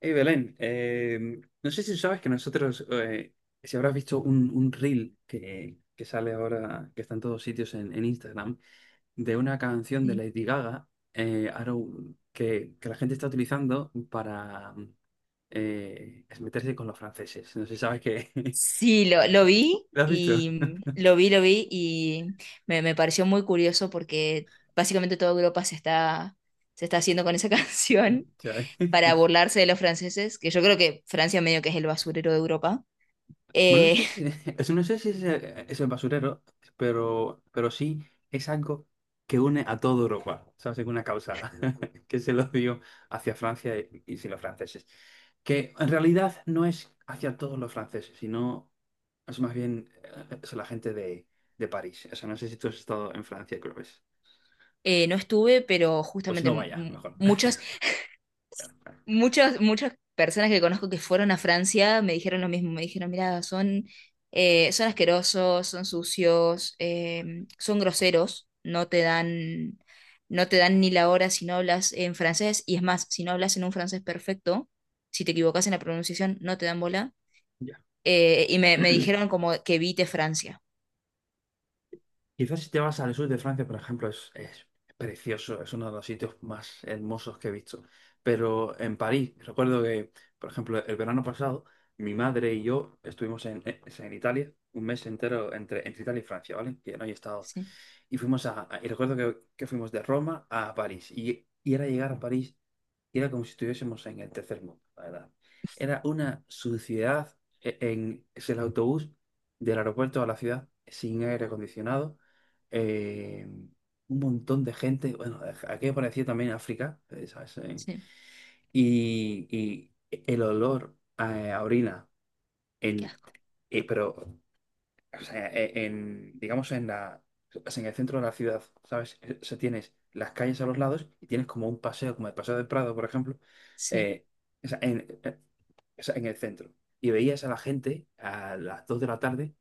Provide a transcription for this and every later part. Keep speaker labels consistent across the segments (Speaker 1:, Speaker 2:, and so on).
Speaker 1: Hey Belén, no sé si sabes que nosotros, si habrás visto un reel que sale ahora, que está en todos sitios en Instagram, de una canción de
Speaker 2: Sí.
Speaker 1: Lady Gaga, Arrow, que la gente está utilizando para meterse con los franceses. No sé si sabes que...
Speaker 2: Sí, lo vi
Speaker 1: ¿Lo has
Speaker 2: y
Speaker 1: visto?
Speaker 2: lo vi y me pareció muy curioso porque básicamente toda Europa se está haciendo con esa canción
Speaker 1: Ya.
Speaker 2: para burlarse de los franceses, que yo creo que Francia medio que es el basurero de Europa.
Speaker 1: Bueno, no
Speaker 2: Eh,
Speaker 1: sé si, no sé si es, el es el basurero, pero sí es algo que une a toda Europa, ¿sabes? Es una causa que se lo dio hacia Francia y, sin los franceses. Que en realidad no es hacia todos los franceses, sino es más bien es la gente de, París. O sea, no sé si tú has estado en Francia, creo que es.
Speaker 2: no estuve, pero
Speaker 1: Pues
Speaker 2: justamente
Speaker 1: no vaya, mejor.
Speaker 2: muchas,
Speaker 1: Claro, claro.
Speaker 2: muchas personas que conozco que fueron a Francia me dijeron lo mismo, me dijeron, mira, son, son asquerosos, son sucios, son groseros, no te dan ni la hora si no hablas en francés, y es más, si no hablas en un francés perfecto, si te equivocas en la pronunciación, no te dan bola.
Speaker 1: Ya.
Speaker 2: Y me dijeron como que evite Francia.
Speaker 1: Quizás si te vas al sur de Francia, por ejemplo, es precioso, es uno de los sitios más hermosos que he visto. Pero en París, recuerdo que, por ejemplo, el verano pasado, mi madre y yo estuvimos en, en Italia un mes entero entre, Italia y Francia, ¿vale? Que no he estado.
Speaker 2: Sí,
Speaker 1: Y fuimos a, y recuerdo que, fuimos de Roma a París. Y era llegar a París y era como si estuviésemos en el tercer mundo, la verdad. Era una suciedad en es el autobús del aeropuerto a la ciudad sin aire acondicionado, eh, un montón de gente, bueno, aquí parecía también África, ¿sabes?
Speaker 2: sí,
Speaker 1: Y el olor a, orina,
Speaker 2: qué
Speaker 1: en,
Speaker 2: asco,
Speaker 1: pero o sea, en, digamos, en el centro de la ciudad, ¿sabes? O sea, tienes las calles a los lados y tienes como un paseo, como el Paseo del Prado, por ejemplo,
Speaker 2: sí,
Speaker 1: eh, o sea, o sea, en el centro. Y veías a la gente a las 2 de la tarde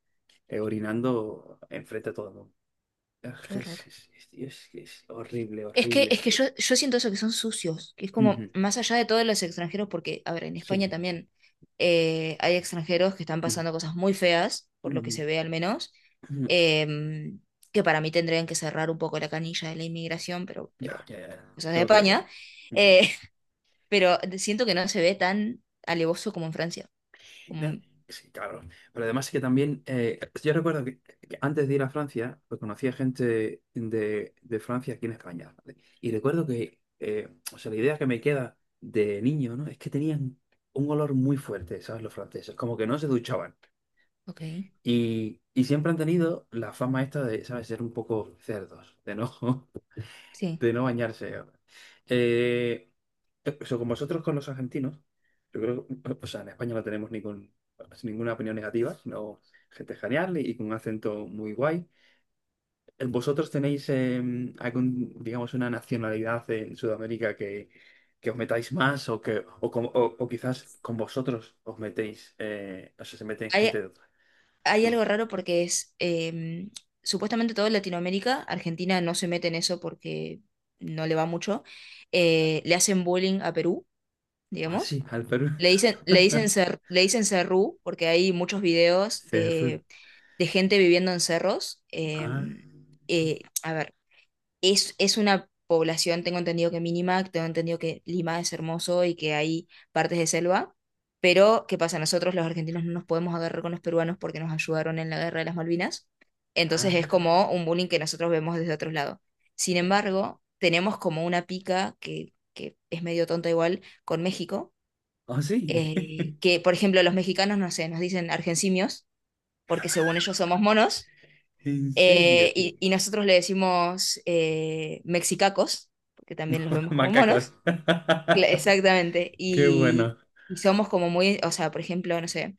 Speaker 1: orinando enfrente a todo el mundo.
Speaker 2: qué
Speaker 1: Es,
Speaker 2: horror.
Speaker 1: es, es- es- es que es horrible, horrible,
Speaker 2: Es que
Speaker 1: horrible.
Speaker 2: yo siento eso que son sucios, que es
Speaker 1: Ujú.
Speaker 2: como más allá de todos los extranjeros, porque, a ver, en España
Speaker 1: Sí.
Speaker 2: también hay extranjeros que están
Speaker 1: Ujú,
Speaker 2: pasando cosas muy feas, por lo que
Speaker 1: ujú,
Speaker 2: se ve al menos.
Speaker 1: ujú.
Speaker 2: em, que para mí tendrían que cerrar un poco la canilla de la inmigración,
Speaker 1: Ya,
Speaker 2: pero
Speaker 1: ya, ya.
Speaker 2: cosas
Speaker 1: Yo
Speaker 2: de
Speaker 1: lo creo igual.
Speaker 2: España.
Speaker 1: Ujú.
Speaker 2: eh, pero siento que no se ve tan alevoso como en Francia. Como,
Speaker 1: Sí, claro. Pero además que también, yo recuerdo que, antes de ir a Francia, pues conocía gente de, Francia aquí en España, ¿vale? Y recuerdo que, o sea, la idea que me queda de niño, ¿no? Es que tenían un olor muy fuerte, ¿sabes? Los franceses, como que no se duchaban.
Speaker 2: ok,
Speaker 1: Y siempre han tenido la fama esta de, ¿sabes? Ser un poco cerdos, de no,
Speaker 2: sí.
Speaker 1: de no bañarse. Eh, eso, con vosotros, con los argentinos, yo creo que, o sea, en España no tenemos ninguna opinión negativa, sino gente genial y con un acento muy guay. ¿Vosotros tenéis algún, digamos, una nacionalidad en Sudamérica que, os metáis más o que o quizás con vosotros os metéis, o sea, se meten
Speaker 2: Hay,
Speaker 1: gente de otra?
Speaker 2: hay algo raro porque es supuestamente todo Latinoamérica, Argentina no se mete en eso porque no le va mucho. Le hacen bullying a Perú,
Speaker 1: Ah, sí,
Speaker 2: digamos.
Speaker 1: al Perú.
Speaker 2: Le dicen cerrú porque hay muchos videos
Speaker 1: Cerro.
Speaker 2: de gente viviendo en cerros.
Speaker 1: Ah,
Speaker 2: A ver, es una población, tengo entendido que mínima, tengo entendido que Lima es hermoso y que hay partes de selva, pero ¿qué pasa? Nosotros los argentinos no nos podemos agarrar con los peruanos porque nos ayudaron en la guerra de las Malvinas, entonces es como
Speaker 1: ah,
Speaker 2: un bullying que nosotros vemos desde otro lado. Sin
Speaker 1: ya.
Speaker 2: embargo, tenemos como una pica que es medio tonta igual con México.
Speaker 1: Ah, sí.
Speaker 2: Que por ejemplo los mexicanos, no sé, nos dicen argencimios porque según ellos somos monos.
Speaker 1: En serio, tío.
Speaker 2: Y nosotros le decimos mexicacos, porque también los vemos como
Speaker 1: Macacos.
Speaker 2: monos. Exactamente.
Speaker 1: Qué bueno.
Speaker 2: Y somos como muy, o sea, por ejemplo, no sé,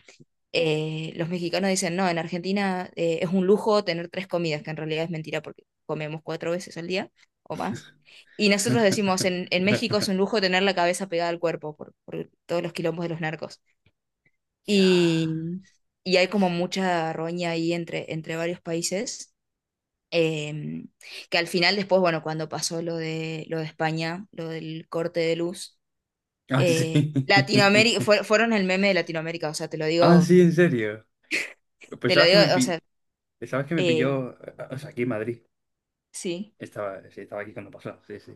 Speaker 2: los mexicanos dicen, no, en Argentina es un lujo tener tres comidas, que en realidad es mentira porque comemos 4 veces al día o más. Y nosotros decimos, en México es un lujo tener la cabeza pegada al cuerpo por todos los quilombos de los narcos.
Speaker 1: Ya.
Speaker 2: Y, y hay como mucha roña ahí entre varios países. Eh, que al final después, bueno, cuando pasó lo de España, lo del corte de luz.
Speaker 1: Ah, sí.
Speaker 2: Latinoamérica, fueron el meme de Latinoamérica, o sea,
Speaker 1: Ah, sí, en serio. Pues
Speaker 2: te lo
Speaker 1: sabes que
Speaker 2: digo, o sea,
Speaker 1: sabes que me
Speaker 2: eh,
Speaker 1: pilló, o sea, aquí en Madrid.
Speaker 2: sí,
Speaker 1: Estaba, sí, estaba aquí cuando pasó. Sí, sí.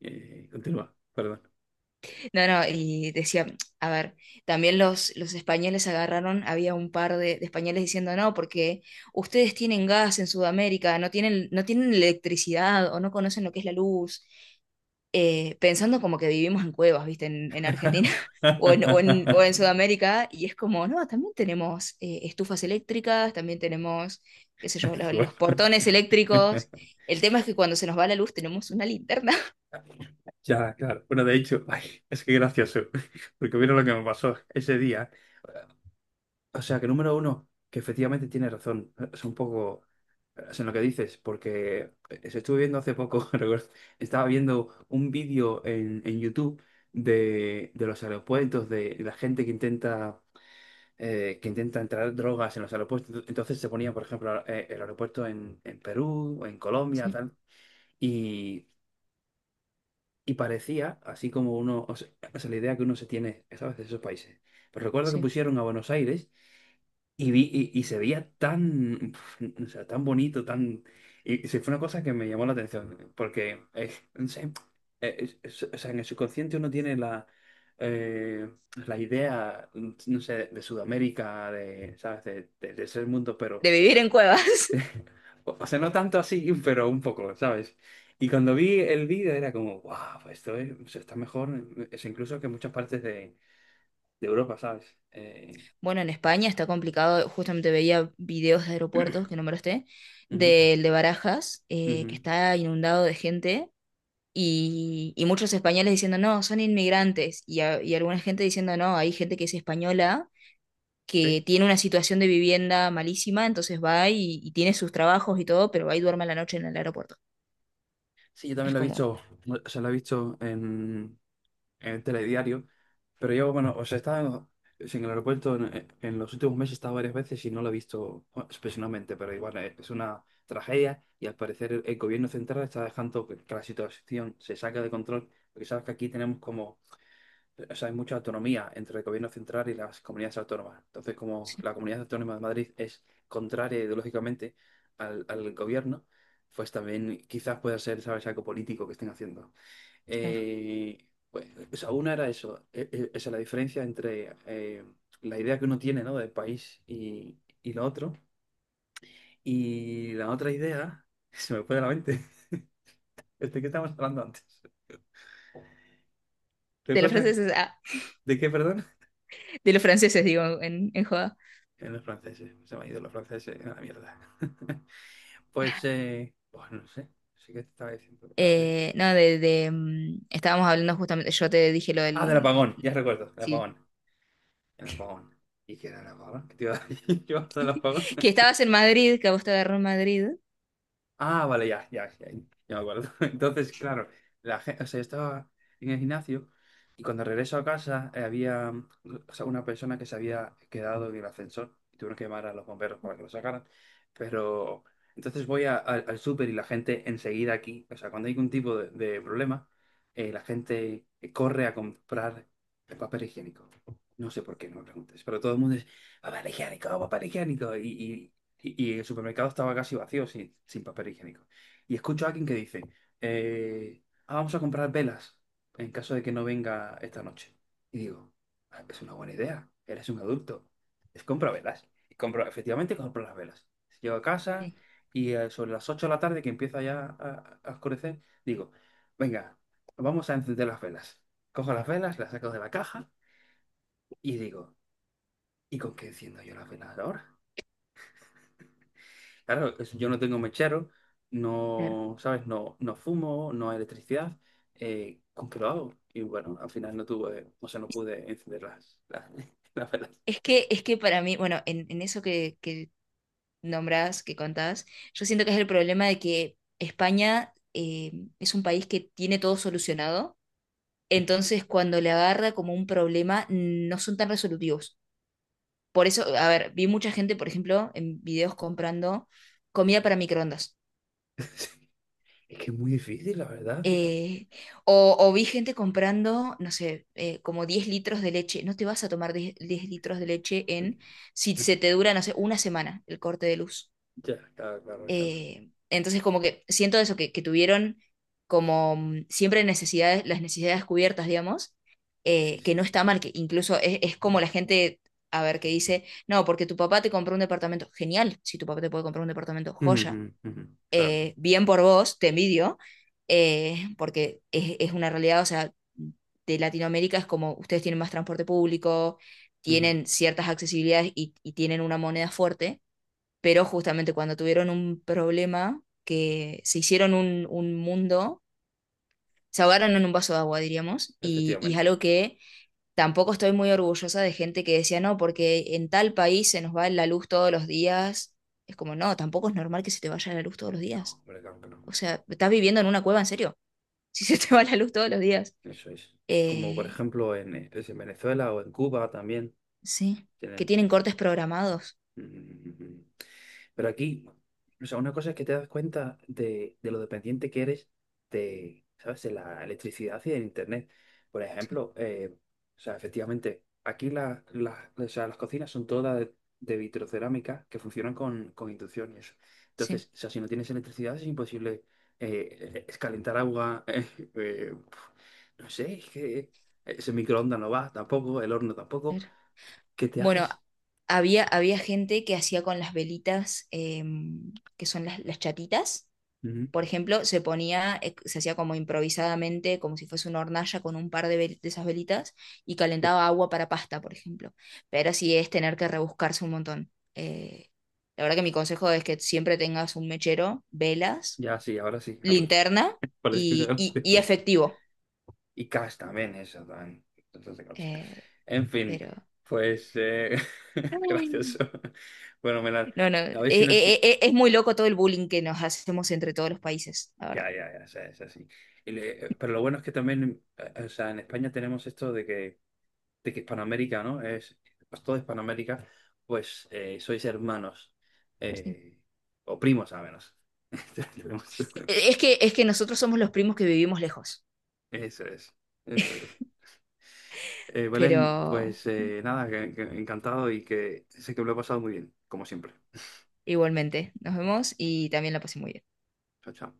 Speaker 1: Continúa, perdón.
Speaker 2: no, no, y decía, a ver, también los españoles agarraron, había un par de españoles diciendo, no, porque ustedes tienen gas en Sudamérica, no tienen electricidad o no conocen lo que es la luz. Pensando como que vivimos en cuevas, ¿viste? En Argentina
Speaker 1: Ay.
Speaker 2: o en Sudamérica, y es como, no, también tenemos estufas eléctricas, también tenemos, qué sé yo,
Speaker 1: Qué bueno.
Speaker 2: los portones eléctricos. El tema es que cuando se nos va la luz tenemos una linterna.
Speaker 1: Ya, claro. Bueno, de hecho, ay, es que gracioso, porque vieron lo que me pasó ese día. O sea, que número uno, que efectivamente tiene razón. Es un poco es en lo que dices, porque se estuve viendo hace poco, recuerdo, estaba viendo un vídeo en, YouTube de, los aeropuertos, de la gente que intenta, que intenta entrar drogas en los aeropuertos. Entonces se ponía, por ejemplo, el aeropuerto en, Perú, o en Colombia,
Speaker 2: Sí,
Speaker 1: tal. Y, y parecía, así como uno, o sea, la idea que uno se tiene, ¿sabes?, de esos países. Pero recuerdo que
Speaker 2: sí.
Speaker 1: pusieron a Buenos Aires. Y vi, y se veía tan, pf, o sea, tan bonito, tan... Y sí, fue una cosa que me llamó la atención, porque, no sé, o sea, en el subconsciente uno tiene la, eh, la idea, no sé, de Sudamérica, de, ¿sabes? De ese mundo, pero,
Speaker 2: De vivir en cuevas.
Speaker 1: o sea, no tanto así, pero un poco, ¿sabes? Y cuando vi el vídeo era como, wow, pues o sea, está mejor, es incluso que muchas partes de, Europa, ¿sabes?
Speaker 2: Bueno, en España está complicado, justamente veía videos de aeropuertos que no me lo esté
Speaker 1: Ujú,
Speaker 2: del de Barajas, que
Speaker 1: ujú.
Speaker 2: está inundado de gente y muchos españoles diciendo, no, son inmigrantes, y alguna gente diciendo, no, hay gente que es española, que tiene una situación de vivienda malísima, entonces va y tiene sus trabajos y todo, pero va y duerme a la noche en el aeropuerto.
Speaker 1: Sí, yo también
Speaker 2: Es
Speaker 1: lo he
Speaker 2: como,
Speaker 1: visto, o sea, lo he visto en, el telediario, pero yo, bueno, o sea, estaba en el aeropuerto en, en los últimos meses, he estado varias veces y no lo he visto bueno, especialmente, pero igual es una tragedia y al parecer el, gobierno central está dejando que, la situación se saque de control, porque sabes que aquí tenemos como o sea, hay mucha autonomía entre el gobierno central y las comunidades autónomas. Entonces, como
Speaker 2: sí,
Speaker 1: la comunidad autónoma de Madrid es contraria ideológicamente al, gobierno, pues también quizás pueda ser, ¿sabes?, algo político que estén haciendo.
Speaker 2: claro.
Speaker 1: Eh, pues, o sea, una era eso, esa es la diferencia entre la idea que uno tiene, ¿no?, del país y, lo otro. Y la otra idea, se me fue de la mente, ¿de qué estábamos hablando antes?
Speaker 2: De los
Speaker 1: ¿Recuerdas
Speaker 2: franceses, ah,
Speaker 1: de qué, perdón?
Speaker 2: de los franceses, digo, en joda.
Speaker 1: En los franceses, se me han ido los franceses a la mierda. Pues no sé, sí que te estaba diciendo la de...
Speaker 2: No, de, mm, Estábamos hablando justamente, yo te dije lo
Speaker 1: Ah, del
Speaker 2: del,
Speaker 1: apagón, ya recuerdo, el
Speaker 2: sí,
Speaker 1: apagón, el apagón. ¿Y qué era el apagón? ¿Qué te iba a decir yo del apagón?
Speaker 2: que estabas en Madrid, que a vos te agarró en Madrid.
Speaker 1: Ah, vale, ya, ya, ya, ya me acuerdo. Entonces, claro, la gente, o sea, yo estaba en el gimnasio y cuando regreso a casa había o sea, una persona que se había quedado en el ascensor y tuvieron que llamar a los bomberos para que lo sacaran. Pero entonces voy al súper y la gente enseguida aquí, o sea, cuando hay algún tipo de, problema, la gente corre a comprar el papel higiénico. No sé por qué, no me preguntes, pero todo el mundo es papel higiénico, papel higiénico. Y el supermercado estaba casi vacío, sin, papel higiénico. Y escucho a alguien que dice, "Ah, vamos a comprar velas en caso de que no venga esta noche. Y digo, "Ah, es una buena idea, eres un adulto, es compra velas. Y compro, efectivamente compro las velas. Llego a casa
Speaker 2: Sí,
Speaker 1: y sobre las 8 de la tarde que empieza ya a, oscurecer, digo, venga, vamos a encender las velas. Cojo las velas, las saco de la caja y digo, ¿y con qué enciendo yo las velas ahora? Claro, yo no tengo mechero,
Speaker 2: claro.
Speaker 1: no, ¿sabes? No, no fumo, no hay electricidad. ¿Con qué lo hago? Y bueno, al final no tuve, o sea, no pude encender las, las velas.
Speaker 2: Es que para mí, bueno, en eso que nombras, que contás, yo siento que es el problema de que España es un país que tiene todo solucionado, entonces cuando le agarra como un problema no son tan resolutivos. Por eso, a ver, vi mucha gente, por ejemplo, en videos comprando comida para microondas.
Speaker 1: Es que es muy difícil, la verdad.
Speaker 2: Eh, o vi gente comprando, no sé, como 10 litros de leche. No te vas a tomar 10 10 litros de leche en, si se te dura, no sé, una semana el corte de luz.
Speaker 1: Ya, claro, claro, claro.
Speaker 2: Entonces, como que siento eso, que tuvieron como siempre necesidades, las necesidades cubiertas, digamos.
Speaker 1: Sí,
Speaker 2: Que
Speaker 1: sí.
Speaker 2: no está mal, que incluso es como la gente, a ver, que dice, no, porque tu papá te compró un departamento. Genial, si tu papá te puede comprar un departamento,
Speaker 1: Ujú, ujú,
Speaker 2: joya.
Speaker 1: ujú. Claro.
Speaker 2: Bien por vos, te envidio. Porque es una realidad, o sea, de Latinoamérica es como ustedes tienen más transporte público,
Speaker 1: Ujú.
Speaker 2: tienen ciertas accesibilidades y tienen una moneda fuerte, pero justamente cuando tuvieron un problema, que se hicieron un mundo, se ahogaron en un vaso de agua, diríamos, y es
Speaker 1: Efectivamente.
Speaker 2: algo que tampoco estoy muy orgullosa de gente que decía, no, porque en tal país se nos va la luz todos los días. Es como, no, tampoco es normal que se te vaya la luz todos los
Speaker 1: No,
Speaker 2: días.
Speaker 1: hombre, claro que no.
Speaker 2: O sea, estás viviendo en una cueva, en serio, si se te va la luz todos los días.
Speaker 1: Eso es. Como por
Speaker 2: Eh,
Speaker 1: ejemplo en, es en Venezuela o en Cuba también
Speaker 2: sí, que
Speaker 1: tienen
Speaker 2: tienen
Speaker 1: eso.
Speaker 2: cortes programados.
Speaker 1: Mm. Pero aquí, o sea, una cosa es que te das cuenta de, lo dependiente que eres de, ¿sabes? De la electricidad y del internet. Por
Speaker 2: Sí,
Speaker 1: ejemplo, o sea, efectivamente, aquí o sea, las cocinas son todas de, vitrocerámica que funcionan con, inducción y eso.
Speaker 2: sí.
Speaker 1: Entonces, o sea, si no tienes electricidad es imposible es calentar agua. Eh, no sé, es que ese microondas no va tampoco, el horno tampoco.
Speaker 2: Claro.
Speaker 1: ¿Qué te
Speaker 2: Bueno,
Speaker 1: haces?
Speaker 2: había gente que hacía con las velitas, que son las chatitas.
Speaker 1: Ujú.
Speaker 2: Por ejemplo, se hacía como improvisadamente, como si fuese una hornalla con un par de, de esas velitas y calentaba agua para pasta, por ejemplo. Pero sí es tener que rebuscarse un montón. La verdad que mi consejo es que siempre tengas un mechero, velas,
Speaker 1: Ya sí, ahora sí.
Speaker 2: linterna
Speaker 1: Parece que ahora
Speaker 2: y
Speaker 1: sí.
Speaker 2: efectivo.
Speaker 1: Y Cash también, eso también. Entonces, de Cash.
Speaker 2: Eh,
Speaker 1: En fin,
Speaker 2: pero...
Speaker 1: pues gracioso. Bueno, Melar,
Speaker 2: No,
Speaker 1: a ver si nos...
Speaker 2: es muy loco todo el bullying que nos hacemos entre todos los países, la
Speaker 1: Ya,
Speaker 2: verdad.
Speaker 1: ya, ya, o sea, es así. Pero lo bueno es que también, o sea, en España tenemos esto de que, Hispanoamérica, ¿no? Es, pues toda Hispanoamérica, pues sois hermanos,
Speaker 2: Sí.
Speaker 1: eh, o primos al menos. Tenemos-
Speaker 2: Es que, es que nosotros somos los primos que vivimos lejos,
Speaker 1: Eso es, eso es. Belén,
Speaker 2: pero
Speaker 1: pues nada, que encantado y que sé que me lo he pasado muy bien, como siempre.
Speaker 2: igualmente, nos vemos y también la pasé muy bien.
Speaker 1: Chao, chao.